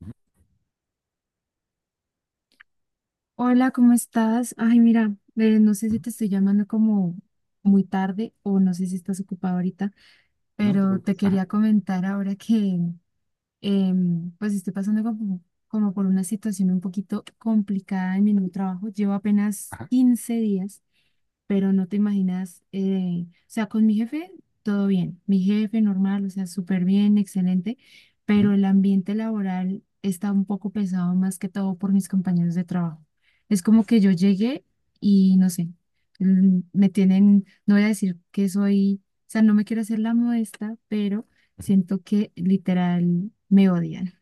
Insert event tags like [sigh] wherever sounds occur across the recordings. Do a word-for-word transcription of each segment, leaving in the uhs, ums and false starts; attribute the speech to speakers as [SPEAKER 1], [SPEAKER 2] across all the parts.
[SPEAKER 1] Ujú,
[SPEAKER 2] Hola, ¿cómo estás? Ay, mira, eh, no sé si
[SPEAKER 1] ujú.
[SPEAKER 2] te estoy llamando como muy tarde o no sé si estás ocupada ahorita,
[SPEAKER 1] No, no te
[SPEAKER 2] pero te
[SPEAKER 1] preocupes. Ajá,
[SPEAKER 2] quería comentar ahora que em, pues estoy pasando como, como por una situación un poquito complicada en mi nuevo trabajo. Llevo apenas
[SPEAKER 1] ajá.
[SPEAKER 2] quince días, pero no te imaginas, eh, o sea, con mi jefe todo bien, mi jefe normal, o sea, súper bien, excelente,
[SPEAKER 1] Ujú,
[SPEAKER 2] pero el ambiente laboral está un poco pesado más que todo por mis compañeros de trabajo. Es como
[SPEAKER 1] uf,
[SPEAKER 2] que yo llegué y no sé, mm, me tienen, no voy a decir que soy, o sea, no me quiero hacer la modesta, pero
[SPEAKER 1] ujú.
[SPEAKER 2] siento que literal me odian,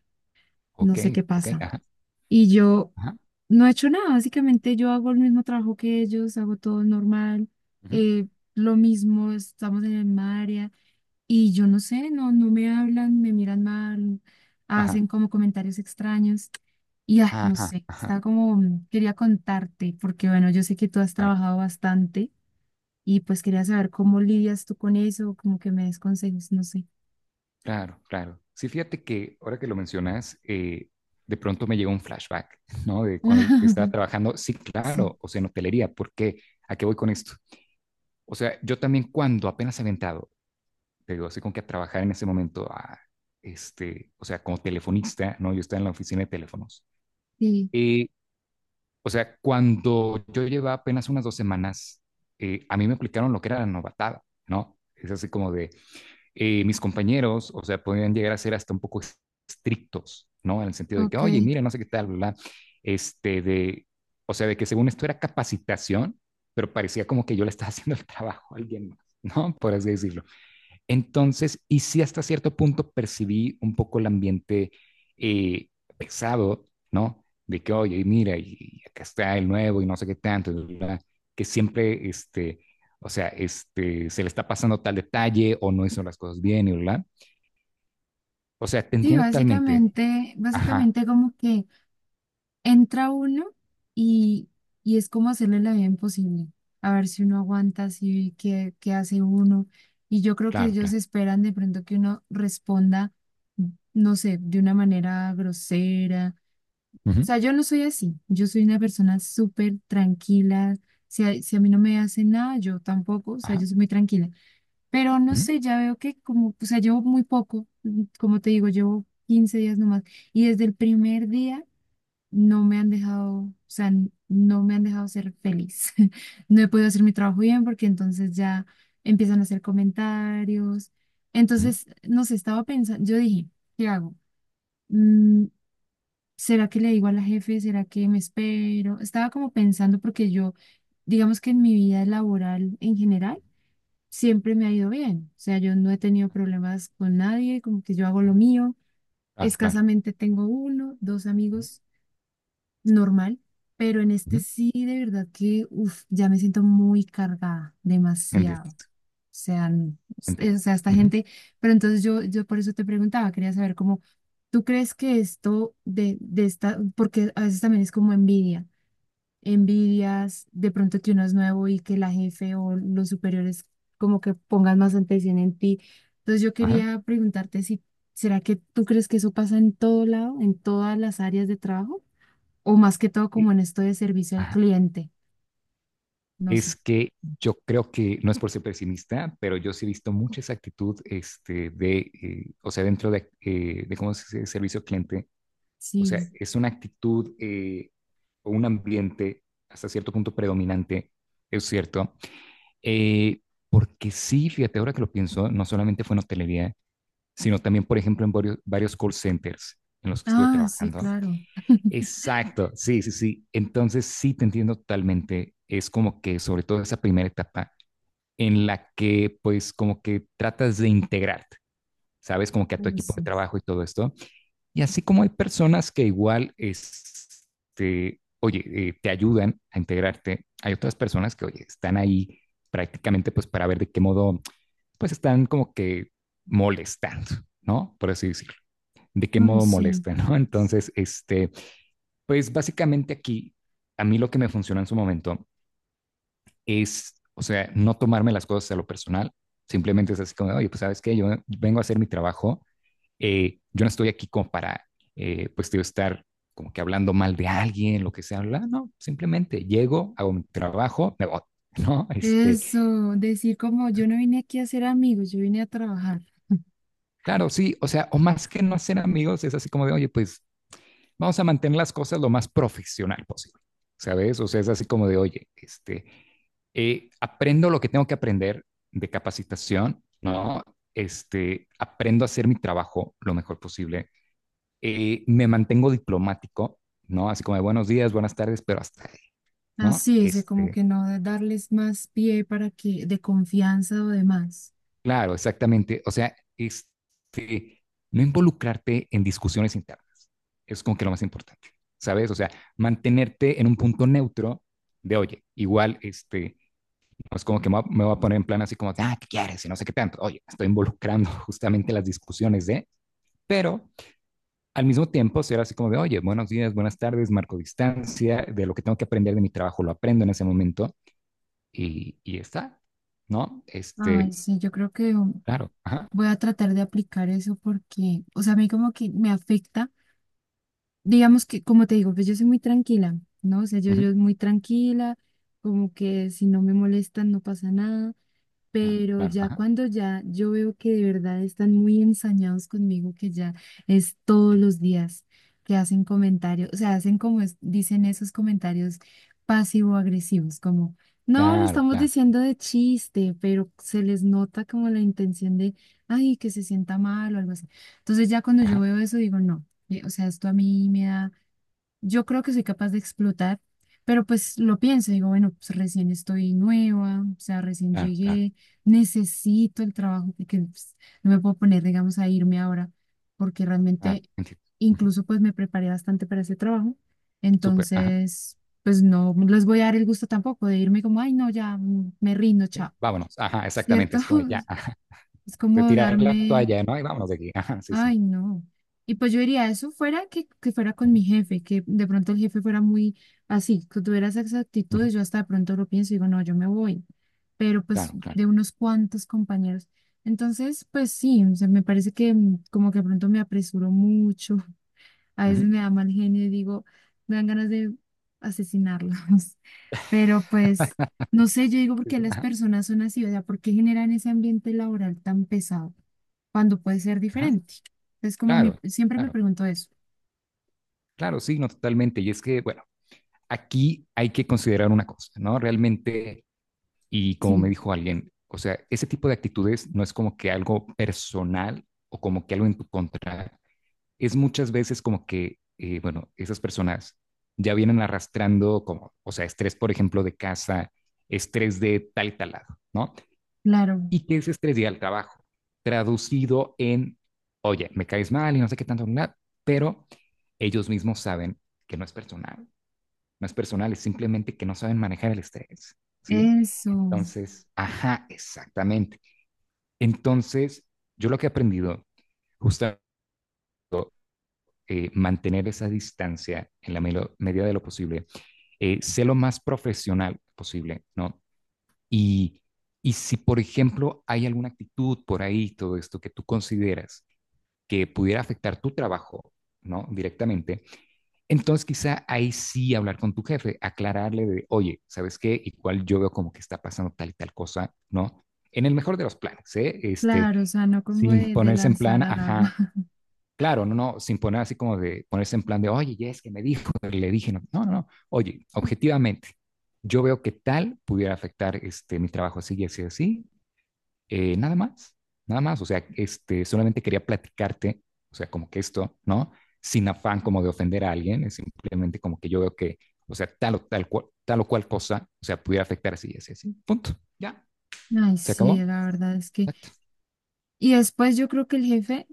[SPEAKER 2] no
[SPEAKER 1] Ok,
[SPEAKER 2] sé qué
[SPEAKER 1] ok,
[SPEAKER 2] pasa.
[SPEAKER 1] ajá,
[SPEAKER 2] Y yo
[SPEAKER 1] ajá,
[SPEAKER 2] no he hecho nada, básicamente yo hago el mismo trabajo que ellos, hago todo normal,
[SPEAKER 1] ujú,
[SPEAKER 2] eh, lo mismo, estamos en el misma área y yo no sé, no, no me hablan, me miran mal,
[SPEAKER 1] ajá,
[SPEAKER 2] hacen como comentarios extraños y ay, no
[SPEAKER 1] ajá.
[SPEAKER 2] sé, estaba como, mm, quería contarte, porque bueno, yo sé que tú has
[SPEAKER 1] Claro,
[SPEAKER 2] trabajado bastante y pues quería saber cómo lidias tú con eso, como que me des consejos, no sé.
[SPEAKER 1] claro, claro. Sí, fíjate que ahora que lo mencionas, eh, de pronto me llegó un flashback, ¿no? De cuando estaba
[SPEAKER 2] [laughs]
[SPEAKER 1] trabajando, sí,
[SPEAKER 2] Sí,
[SPEAKER 1] claro, o sea, en hotelería, ¿por qué? ¿A qué voy con esto? O sea, yo también cuando apenas he aventado, te digo, así como que a trabajar en ese momento, a, este, o sea, como telefonista, ¿no? Yo estaba en la oficina de teléfonos.
[SPEAKER 2] sí,
[SPEAKER 1] eh, O sea, cuando yo llevaba apenas unas dos semanas, eh, a mí me aplicaron lo que era la novatada, ¿no? Es así como de eh, mis compañeros, o sea, podían llegar a ser hasta un poco estrictos, ¿no? En el sentido de que, oye,
[SPEAKER 2] ok.
[SPEAKER 1] mira, no sé qué tal, bla, bla. Este, de, o sea, de que según esto era capacitación, pero parecía como que yo le estaba [laughs] haciendo el trabajo a alguien más, ¿no? Por así decirlo. Entonces, y sí hasta cierto punto percibí un poco el ambiente eh, pesado, ¿no? De que, oye, y mira, y acá está el nuevo y no sé qué tanto, bla, que siempre, este, o sea, este, se le está pasando tal detalle o no hizo las cosas bien y o sea, te
[SPEAKER 2] Sí,
[SPEAKER 1] entiendo totalmente.
[SPEAKER 2] básicamente,
[SPEAKER 1] Ajá,
[SPEAKER 2] básicamente como que entra uno y, y es como hacerle la vida imposible, a ver si uno aguanta, si qué, qué hace uno. Y yo creo que
[SPEAKER 1] claro,
[SPEAKER 2] ellos
[SPEAKER 1] claro.
[SPEAKER 2] esperan de pronto que uno responda, no sé, de una manera grosera. O
[SPEAKER 1] Ujú,
[SPEAKER 2] sea, yo no soy así, yo soy una persona súper tranquila. Si a, si a mí no me hace nada, yo tampoco, o sea,
[SPEAKER 1] ajá,
[SPEAKER 2] yo soy muy tranquila. Pero no
[SPEAKER 1] ujú,
[SPEAKER 2] sé, ya veo que como, o sea, llevo muy poco, como te digo, llevo quince días nomás. Y desde el primer día no me han dejado, o sea, n- no me han dejado ser feliz. [laughs] No he podido hacer mi trabajo bien porque entonces ya empiezan a hacer comentarios.
[SPEAKER 1] ujú,
[SPEAKER 2] Entonces, no sé, estaba pensando, yo dije, ¿qué hago? Mm, ¿será que le digo a la jefe? ¿Será que me espero? Estaba como pensando porque yo, digamos que en mi vida laboral en general, siempre me ha ido bien. O sea, yo no he tenido problemas con nadie, como que yo hago lo
[SPEAKER 1] ujú,
[SPEAKER 2] mío.
[SPEAKER 1] claro, claro.
[SPEAKER 2] Escasamente tengo uno, dos
[SPEAKER 1] Ujú,
[SPEAKER 2] amigos normal, pero en este
[SPEAKER 1] ujú,
[SPEAKER 2] sí, de verdad que, uf, ya me siento muy cargada,
[SPEAKER 1] entiendo,
[SPEAKER 2] demasiado. O sea, n- es- o
[SPEAKER 1] entiendo.
[SPEAKER 2] sea, esta
[SPEAKER 1] Ujú,
[SPEAKER 2] gente, pero entonces yo, yo por eso te preguntaba, quería saber cómo, ¿tú crees que esto de, de esta, porque a veces también es como envidia, envidias de pronto que uno es nuevo y que la jefe o los superiores como que pongan más atención en ti? Entonces yo
[SPEAKER 1] ajá,
[SPEAKER 2] quería preguntarte si, ¿será que tú crees que eso pasa en todo lado, en todas las áreas de trabajo? O más que todo
[SPEAKER 1] y-
[SPEAKER 2] como en esto de servicio al
[SPEAKER 1] ajá.
[SPEAKER 2] cliente, no sé.
[SPEAKER 1] Es que yo creo que, no es por ser pesimista, pero yo sí he visto mucha esa actitud este, de, eh, o sea, dentro de, eh, de cómo se dice servicio cliente, o sea,
[SPEAKER 2] Sí.
[SPEAKER 1] es una actitud eh, o un ambiente hasta cierto punto predominante, es cierto, eh, porque sí, fíjate, ahora que lo pienso, no solamente fue en hotelería, sino también, por ejemplo, en varios, varios call centers en los que estuve
[SPEAKER 2] Ah, sí,
[SPEAKER 1] trabajando.
[SPEAKER 2] claro.
[SPEAKER 1] Exacto, sí, sí, sí. Entonces sí te entiendo totalmente. Es como que sobre todo esa primera etapa en la que pues como que tratas de integrarte, ¿sabes? Como que a tu
[SPEAKER 2] Ay,
[SPEAKER 1] equipo de
[SPEAKER 2] sí.
[SPEAKER 1] trabajo y todo esto. Y así como hay personas que igual, este, oye, eh, te ayudan a integrarte, hay otras personas que, oye, están ahí prácticamente pues para ver de qué modo, pues están como que molestando, ¿no? Por así decirlo. De qué
[SPEAKER 2] Ay,
[SPEAKER 1] modo
[SPEAKER 2] sí.
[SPEAKER 1] molestan, ¿no? Entonces, este, pues básicamente aquí, a mí lo que me funcionó en su momento es, o sea, no tomarme las cosas a lo personal, simplemente es así como, oye, pues sabes qué, yo vengo a hacer mi trabajo, eh, yo no estoy aquí como para, eh, pues, tío, estar como que hablando mal de alguien, lo que sea, bla, no, simplemente llego, hago mi trabajo, me voy, [laughs] ¿no? Este,
[SPEAKER 2] Eso, decir como yo no vine aquí a ser amigos, yo vine a trabajar.
[SPEAKER 1] claro, sí, o sea, o más que no ser amigos, es así como de, oye, pues, vamos a mantener las cosas lo más profesional posible, ¿sabes? O sea, es así como de, oye, este, eh, aprendo lo que tengo que aprender de capacitación, ¿no? Este, aprendo a hacer mi trabajo lo mejor posible, eh, me mantengo diplomático, ¿no? Así como de buenos días, buenas tardes, pero hasta ahí, ¿no?
[SPEAKER 2] Así es, como
[SPEAKER 1] Este,
[SPEAKER 2] que no de- darles más pie para que, de confianza o demás.
[SPEAKER 1] claro, exactamente. O sea, este, no involucrarte en discusiones internas. Es como que lo más importante, ¿sabes? O sea, mantenerte en un punto neutro de, oye, igual, este, no es como que me va- me voy a poner en plan así como, ah, ¿qué quieres? Y no sé qué tanto. Oye, me estoy involucrando [laughs] justamente en las discusiones de, pero al mismo tiempo ser así como de, oye, buenos días, buenas tardes, marco distancia, de lo que tengo que aprender de mi trabajo lo aprendo en ese momento y, y está, ¿no?
[SPEAKER 2] Ay,
[SPEAKER 1] Este,
[SPEAKER 2] sí, yo creo que um,
[SPEAKER 1] claro, ajá.
[SPEAKER 2] voy a tratar de aplicar eso porque, o sea, a mí como que me afecta, digamos que, como te digo, pues yo soy muy tranquila, ¿no? O sea, yo,
[SPEAKER 1] Ujú.
[SPEAKER 2] yo muy tranquila, como que si no me molestan no pasa nada.
[SPEAKER 1] Claro,
[SPEAKER 2] Pero
[SPEAKER 1] claro,
[SPEAKER 2] ya
[SPEAKER 1] ajá.
[SPEAKER 2] cuando ya yo veo que de verdad están muy ensañados conmigo, que ya es todos los días que hacen comentarios, o sea, hacen como es- dicen esos comentarios pasivo-agresivos, como, no, lo
[SPEAKER 1] Claro,
[SPEAKER 2] estamos
[SPEAKER 1] claro,
[SPEAKER 2] diciendo de chiste, pero se les nota como la intención de, ay, que se sienta mal o algo así. Entonces ya cuando yo
[SPEAKER 1] ajá.
[SPEAKER 2] veo eso digo, no, eh, o sea, esto a mí me da, yo creo que soy capaz de explotar, pero pues lo pienso, digo, bueno, pues recién estoy nueva, o sea, recién
[SPEAKER 1] Claro, claro,
[SPEAKER 2] llegué, necesito el trabajo porque pues, no me puedo poner, digamos, a irme ahora, porque
[SPEAKER 1] claro,
[SPEAKER 2] realmente
[SPEAKER 1] entiendo. Ujú.
[SPEAKER 2] incluso pues me preparé bastante para ese trabajo,
[SPEAKER 1] Súper, ajá.
[SPEAKER 2] entonces pues no les voy a dar el gusto tampoco de irme como, ay, no, ya mm, me rindo,
[SPEAKER 1] Sí,
[SPEAKER 2] chao,
[SPEAKER 1] vámonos, ajá, exactamente,
[SPEAKER 2] ¿cierto?
[SPEAKER 1] así como de ya,
[SPEAKER 2] [laughs]
[SPEAKER 1] ajá.
[SPEAKER 2] Es como
[SPEAKER 1] Retirar la
[SPEAKER 2] darme.
[SPEAKER 1] toalla, ¿no? Y vámonos de aquí, ajá, sí, sí.
[SPEAKER 2] Ay, no. Y pues yo diría, eso fuera que, que fuera con
[SPEAKER 1] Ujú,
[SPEAKER 2] mi jefe, que de pronto el jefe fuera muy así, que tuviera esas
[SPEAKER 1] ujú.
[SPEAKER 2] actitudes, yo hasta de pronto lo pienso y digo, no, yo me voy. Pero pues
[SPEAKER 1] Claro, claro.
[SPEAKER 2] de unos cuantos compañeros. Entonces, pues sí, o sea, me parece que mm, como que de pronto me apresuro mucho, a veces
[SPEAKER 1] Ujú.
[SPEAKER 2] me da mal genio y digo, me dan ganas de asesinarlos. [laughs] Pero pues,
[SPEAKER 1] [laughs]
[SPEAKER 2] no sé, yo digo por
[SPEAKER 1] Sí,
[SPEAKER 2] qué
[SPEAKER 1] sí,
[SPEAKER 2] las
[SPEAKER 1] ajá,
[SPEAKER 2] personas son así, o sea, por qué generan ese ambiente laboral tan pesado cuando puede ser
[SPEAKER 1] ajá.
[SPEAKER 2] diferente. Es como mi,
[SPEAKER 1] Claro,
[SPEAKER 2] siempre me
[SPEAKER 1] claro,
[SPEAKER 2] pregunto eso.
[SPEAKER 1] claro, sí, no, totalmente. Y es que, bueno, aquí hay que considerar una cosa, ¿no? Realmente, y como
[SPEAKER 2] Sí,
[SPEAKER 1] me dijo alguien, o sea, ese tipo de actitudes no es como que algo personal o como que algo en tu contra, es muchas veces como que, eh, bueno, esas personas ya vienen arrastrando como, o sea, estrés, por ejemplo, de casa, estrés de tal y tal lado, ¿no?
[SPEAKER 2] claro,
[SPEAKER 1] Y que ese estrés llega al trabajo, traducido en, oye, me caes mal y no sé qué tanto, nada, pero ellos mismos saben que no es personal, no es personal, es simplemente que no saben manejar el estrés, ¿sí?
[SPEAKER 2] eso,
[SPEAKER 1] Entonces, ajá, exactamente. Entonces, yo lo que he aprendido, justamente eh, mantener esa distancia en la me- medida de lo posible, eh, sé lo más profesional posible, ¿no? Y, y si, por ejemplo, hay alguna actitud por ahí, todo esto que tú consideras que pudiera afectar tu trabajo, ¿no? Directamente, entonces quizá ahí sí hablar con tu jefe, aclararle de, oye, ¿sabes qué? Igual yo veo como que está pasando tal y tal cosa, ¿no? En el mejor de los planes, ¿eh? Este,
[SPEAKER 2] claro, o sea, no como
[SPEAKER 1] sin
[SPEAKER 2] de, de
[SPEAKER 1] ponerse en plan,
[SPEAKER 2] lanzar al
[SPEAKER 1] ajá,
[SPEAKER 2] agua. [laughs]
[SPEAKER 1] claro, no, no, sin poner así como de ponerse en plan de, oye, ya es que me dijo, pero le dije, no, no, no, no. Oye, objetivamente, yo veo que tal pudiera afectar este, mi trabajo así y así, así, eh, nada más, nada más, o sea, este, solamente quería platicarte, o sea, como que esto, ¿no? Sin afán como de ofender a alguien, es simplemente como que yo veo que, o sea, tal o tal, cual, tal o cual cosa, o sea, pudiera afectar así y así, así, punto, ya,
[SPEAKER 2] Ay,
[SPEAKER 1] se
[SPEAKER 2] sí,
[SPEAKER 1] acabó,
[SPEAKER 2] la verdad es que.
[SPEAKER 1] exacto.
[SPEAKER 2] Y después yo creo que el jefe,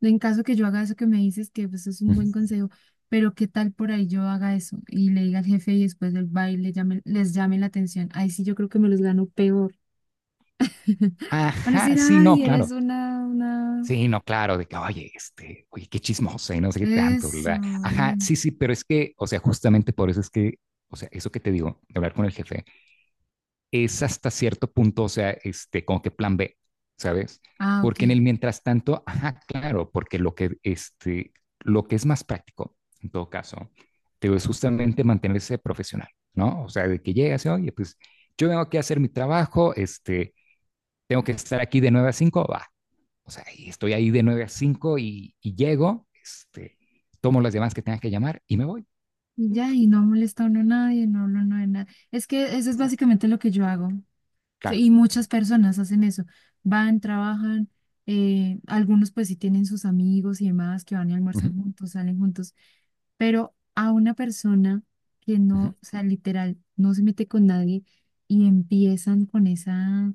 [SPEAKER 2] en caso que yo haga eso que me dices, que pues es un buen
[SPEAKER 1] Ujú.
[SPEAKER 2] consejo, pero ¿qué tal por ahí yo haga eso y le diga al jefe y después del baile llame, les llame la atención? Ahí sí yo creo que me los gano peor. [laughs] Van a
[SPEAKER 1] Ajá,
[SPEAKER 2] decir,
[SPEAKER 1] sí, no,
[SPEAKER 2] ay,
[SPEAKER 1] claro,
[SPEAKER 2] eres una, una...
[SPEAKER 1] sí, no, claro, de que, oye, este, oye, qué chismosa y no sé qué tanto,
[SPEAKER 2] Eso,
[SPEAKER 1] ¿verdad? Ajá,
[SPEAKER 2] bien.
[SPEAKER 1] sí, sí, pero es que, o sea, justamente por eso es que, o sea, eso que te digo, de hablar con el jefe, es hasta cierto punto, o sea, este, como que plan B, ¿sabes?
[SPEAKER 2] Ah, ok.
[SPEAKER 1] Porque en el mientras tanto, ajá, claro, porque lo que, este, lo que es más práctico, en todo caso, te digo, es justamente mantenerse profesional, ¿no? O sea, de que llegas y, oye, pues, yo vengo aquí a hacer mi trabajo, este, tengo que estar aquí de nueve a cinco, va, o sea, y estoy ahí de nueve a cinco y, y llego, este, tomo las llamadas que tenga que llamar y me voy.
[SPEAKER 2] Y ya, y no molesta a uno a nadie, no, no, no, nada. Es que eso es básicamente lo que yo hago. Sí,
[SPEAKER 1] Claro.
[SPEAKER 2] y muchas personas hacen eso. Van, trabajan, eh, algunos pues sí tienen sus amigos y demás que van y
[SPEAKER 1] Ujú,
[SPEAKER 2] almuerzan juntos, salen juntos, pero a una persona que
[SPEAKER 1] ujú,
[SPEAKER 2] no, o sea, literal, no se mete con nadie y empiezan con esa,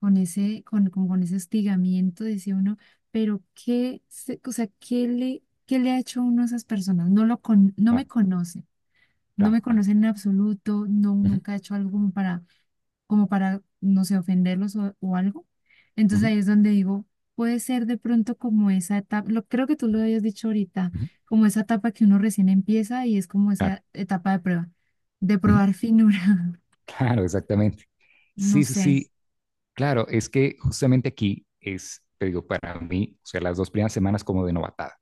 [SPEAKER 2] con ese, con, con, con ese hostigamiento, decía uno, pero qué, se- o sea, qué le, qué le ha hecho uno a esas personas. No lo con, no me
[SPEAKER 1] claro,
[SPEAKER 2] conoce, no
[SPEAKER 1] claro,
[SPEAKER 2] me
[SPEAKER 1] claro.
[SPEAKER 2] conocen en absoluto, no,
[SPEAKER 1] Ujú,
[SPEAKER 2] nunca ha hecho algo como para, como para, no sé, ofenderlos o, o algo. Entonces
[SPEAKER 1] ujú,
[SPEAKER 2] ahí es donde digo, puede ser de pronto como esa etapa, lo, creo que tú lo habías dicho ahorita,
[SPEAKER 1] ujú,
[SPEAKER 2] como esa etapa que uno recién empieza y es como
[SPEAKER 1] claro,
[SPEAKER 2] esa etapa de prueba, de
[SPEAKER 1] ujú,
[SPEAKER 2] probar finura,
[SPEAKER 1] claro, exactamente.
[SPEAKER 2] [laughs] no
[SPEAKER 1] Sí, sí,
[SPEAKER 2] sé.
[SPEAKER 1] sí. Claro, es que justamente aquí es, te digo, para mí, o sea, las dos primeras semanas como de novatada,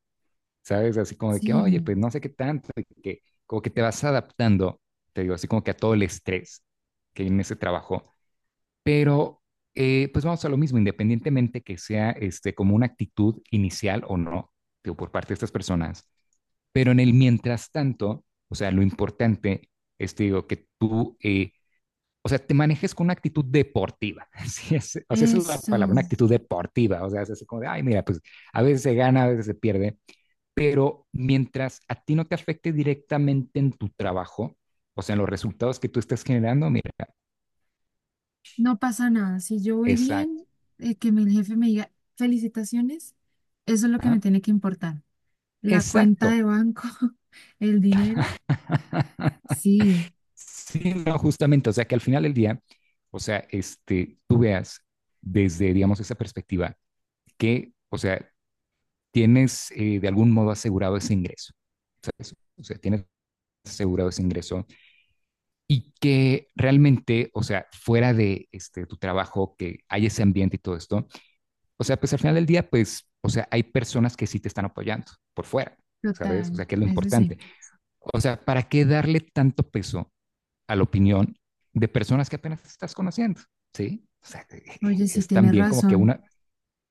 [SPEAKER 1] ¿sabes? Así como de que, oye,
[SPEAKER 2] Sí,
[SPEAKER 1] pues no sé qué tanto, y que como que te vas adaptando, te digo, así como que a todo el estrés que hay en ese trabajo. Pero eh, pues vamos a lo mismo, independientemente que sea este, como una actitud inicial o no, digo, por parte de estas personas, pero en el mientras tanto, o sea, lo importante es, te digo, que tú, eh, o sea, te manejes con una actitud deportiva, [laughs] sí, es, o sea, esa es la palabra, una
[SPEAKER 2] eso,
[SPEAKER 1] actitud deportiva, o sea, es así como de, ay, mira, pues a veces se gana, a veces se pierde, pero mientras a ti no te afecte directamente en tu trabajo, o sea, en los resultados que tú estás generando, mira,
[SPEAKER 2] no pasa nada. Si yo voy
[SPEAKER 1] exacto,
[SPEAKER 2] bien, eh, que mi jefe me diga felicitaciones, eso es lo que me
[SPEAKER 1] ajá,
[SPEAKER 2] tiene que importar. La cuenta
[SPEAKER 1] exacto.
[SPEAKER 2] de banco, [laughs] el dinero, sí,
[SPEAKER 1] Sí, no, justamente, o sea que al final del día, o sea, este, tú veas desde, digamos, esa perspectiva que, o sea, tienes eh, de algún modo asegurado ese ingreso, ¿sabes? O sea, tienes asegurado ese ingreso y que realmente, o sea, fuera de este, tu trabajo, que hay ese ambiente y todo esto, o sea, pues al final del día, pues, o sea, hay personas que sí te están apoyando por fuera, ¿sabes? O sea,
[SPEAKER 2] total,
[SPEAKER 1] que es lo
[SPEAKER 2] eso sí.
[SPEAKER 1] importante. O sea, ¿para qué darle tanto peso a la opinión de personas que apenas estás conociendo, ¿sí? O sea, [laughs]
[SPEAKER 2] Oye, sí,
[SPEAKER 1] es
[SPEAKER 2] tienes
[SPEAKER 1] también como que
[SPEAKER 2] razón.
[SPEAKER 1] una,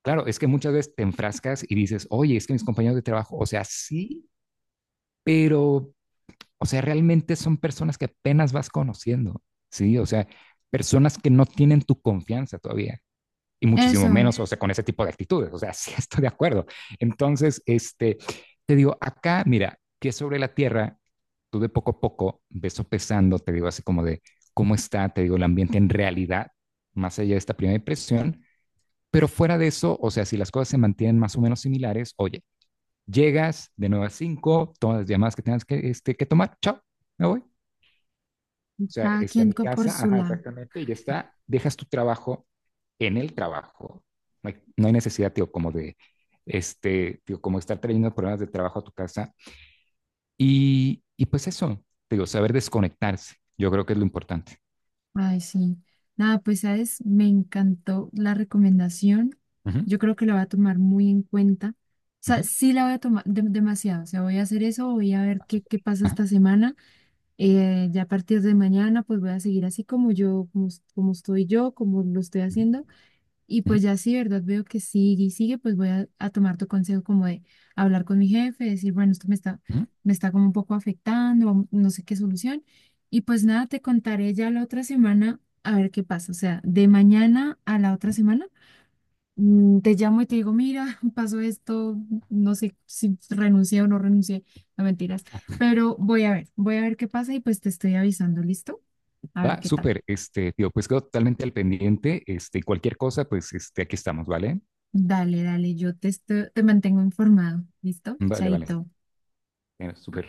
[SPEAKER 1] claro, es que muchas veces te enfrascas y dices, oye, es que mis compañeros de trabajo, o sea, sí, pero, o sea, realmente son personas que apenas vas conociendo, ¿sí? O sea, personas que no tienen tu confianza todavía y muchísimo
[SPEAKER 2] Eso,
[SPEAKER 1] menos, o sea, con ese tipo de actitudes, o sea, [laughs] sí estoy de acuerdo. Entonces, este, te digo, acá, mira, que sobre la tierra tú de poco a poco ves sopesando, te digo así como de cómo está, te digo, el ambiente en realidad, más allá de esta primera impresión, pero fuera de eso, o sea, si las cosas se mantienen más o menos similares, oye, llegas de nueve a cinco todas las llamadas que tengas que, este, que tomar, chao, me voy. O sea,
[SPEAKER 2] cada
[SPEAKER 1] este, a
[SPEAKER 2] quien
[SPEAKER 1] mi
[SPEAKER 2] co- por
[SPEAKER 1] casa,
[SPEAKER 2] su
[SPEAKER 1] ajá,
[SPEAKER 2] lado.
[SPEAKER 1] exactamente, y ya está, dejas tu trabajo en el trabajo. No hay, no hay necesidad, tío, como de, este, tío, como estar trayendo problemas de trabajo a tu casa y, y pues eso, digo, saber desconectarse, yo creo que es lo importante.
[SPEAKER 2] Ay, sí. Nada, pues, ¿sabes? Me encantó la recomendación.
[SPEAKER 1] Ujú,
[SPEAKER 2] Yo creo que la voy a tomar muy en cuenta. O sea,
[SPEAKER 1] ujú.
[SPEAKER 2] sí la voy a tomar de- demasiado. O sea, voy a hacer eso, voy a ver
[SPEAKER 1] Ah,
[SPEAKER 2] qué,
[SPEAKER 1] súper.
[SPEAKER 2] qué pasa
[SPEAKER 1] Ajá,
[SPEAKER 2] esta semana. Eh, ya a partir de mañana, pues voy a seguir así como yo, como, como estoy yo, como lo estoy
[SPEAKER 1] ujú,
[SPEAKER 2] haciendo. Y
[SPEAKER 1] ujú,
[SPEAKER 2] pues ya sí, ¿verdad? Veo que sigue y sigue, pues voy a, a tomar tu consejo como de hablar con mi jefe, decir, bueno, esto me está,
[SPEAKER 1] ujú,
[SPEAKER 2] me está como un poco afectando, vamos- no sé qué solución. Y pues nada, te contaré ya la otra semana a ver qué pasa. O sea, de mañana a la otra
[SPEAKER 1] ujú.
[SPEAKER 2] semana, mm, te llamo y te digo, mira, [laughs] pasó esto, no sé si renuncié o no renuncié, no mentiras, pero voy a ver, voy a ver qué pasa y pues te estoy avisando, ¿listo? A ver
[SPEAKER 1] Va,
[SPEAKER 2] qué tal.
[SPEAKER 1] súper, este, tío, pues quedo totalmente al pendiente, este, y cualquier cosa, pues, este, aquí estamos, ¿vale?
[SPEAKER 2] Dale, dale, yo te, estoy- te mantengo informado, ¿listo?
[SPEAKER 1] Vale, vale,
[SPEAKER 2] Chaito.
[SPEAKER 1] eh, súper.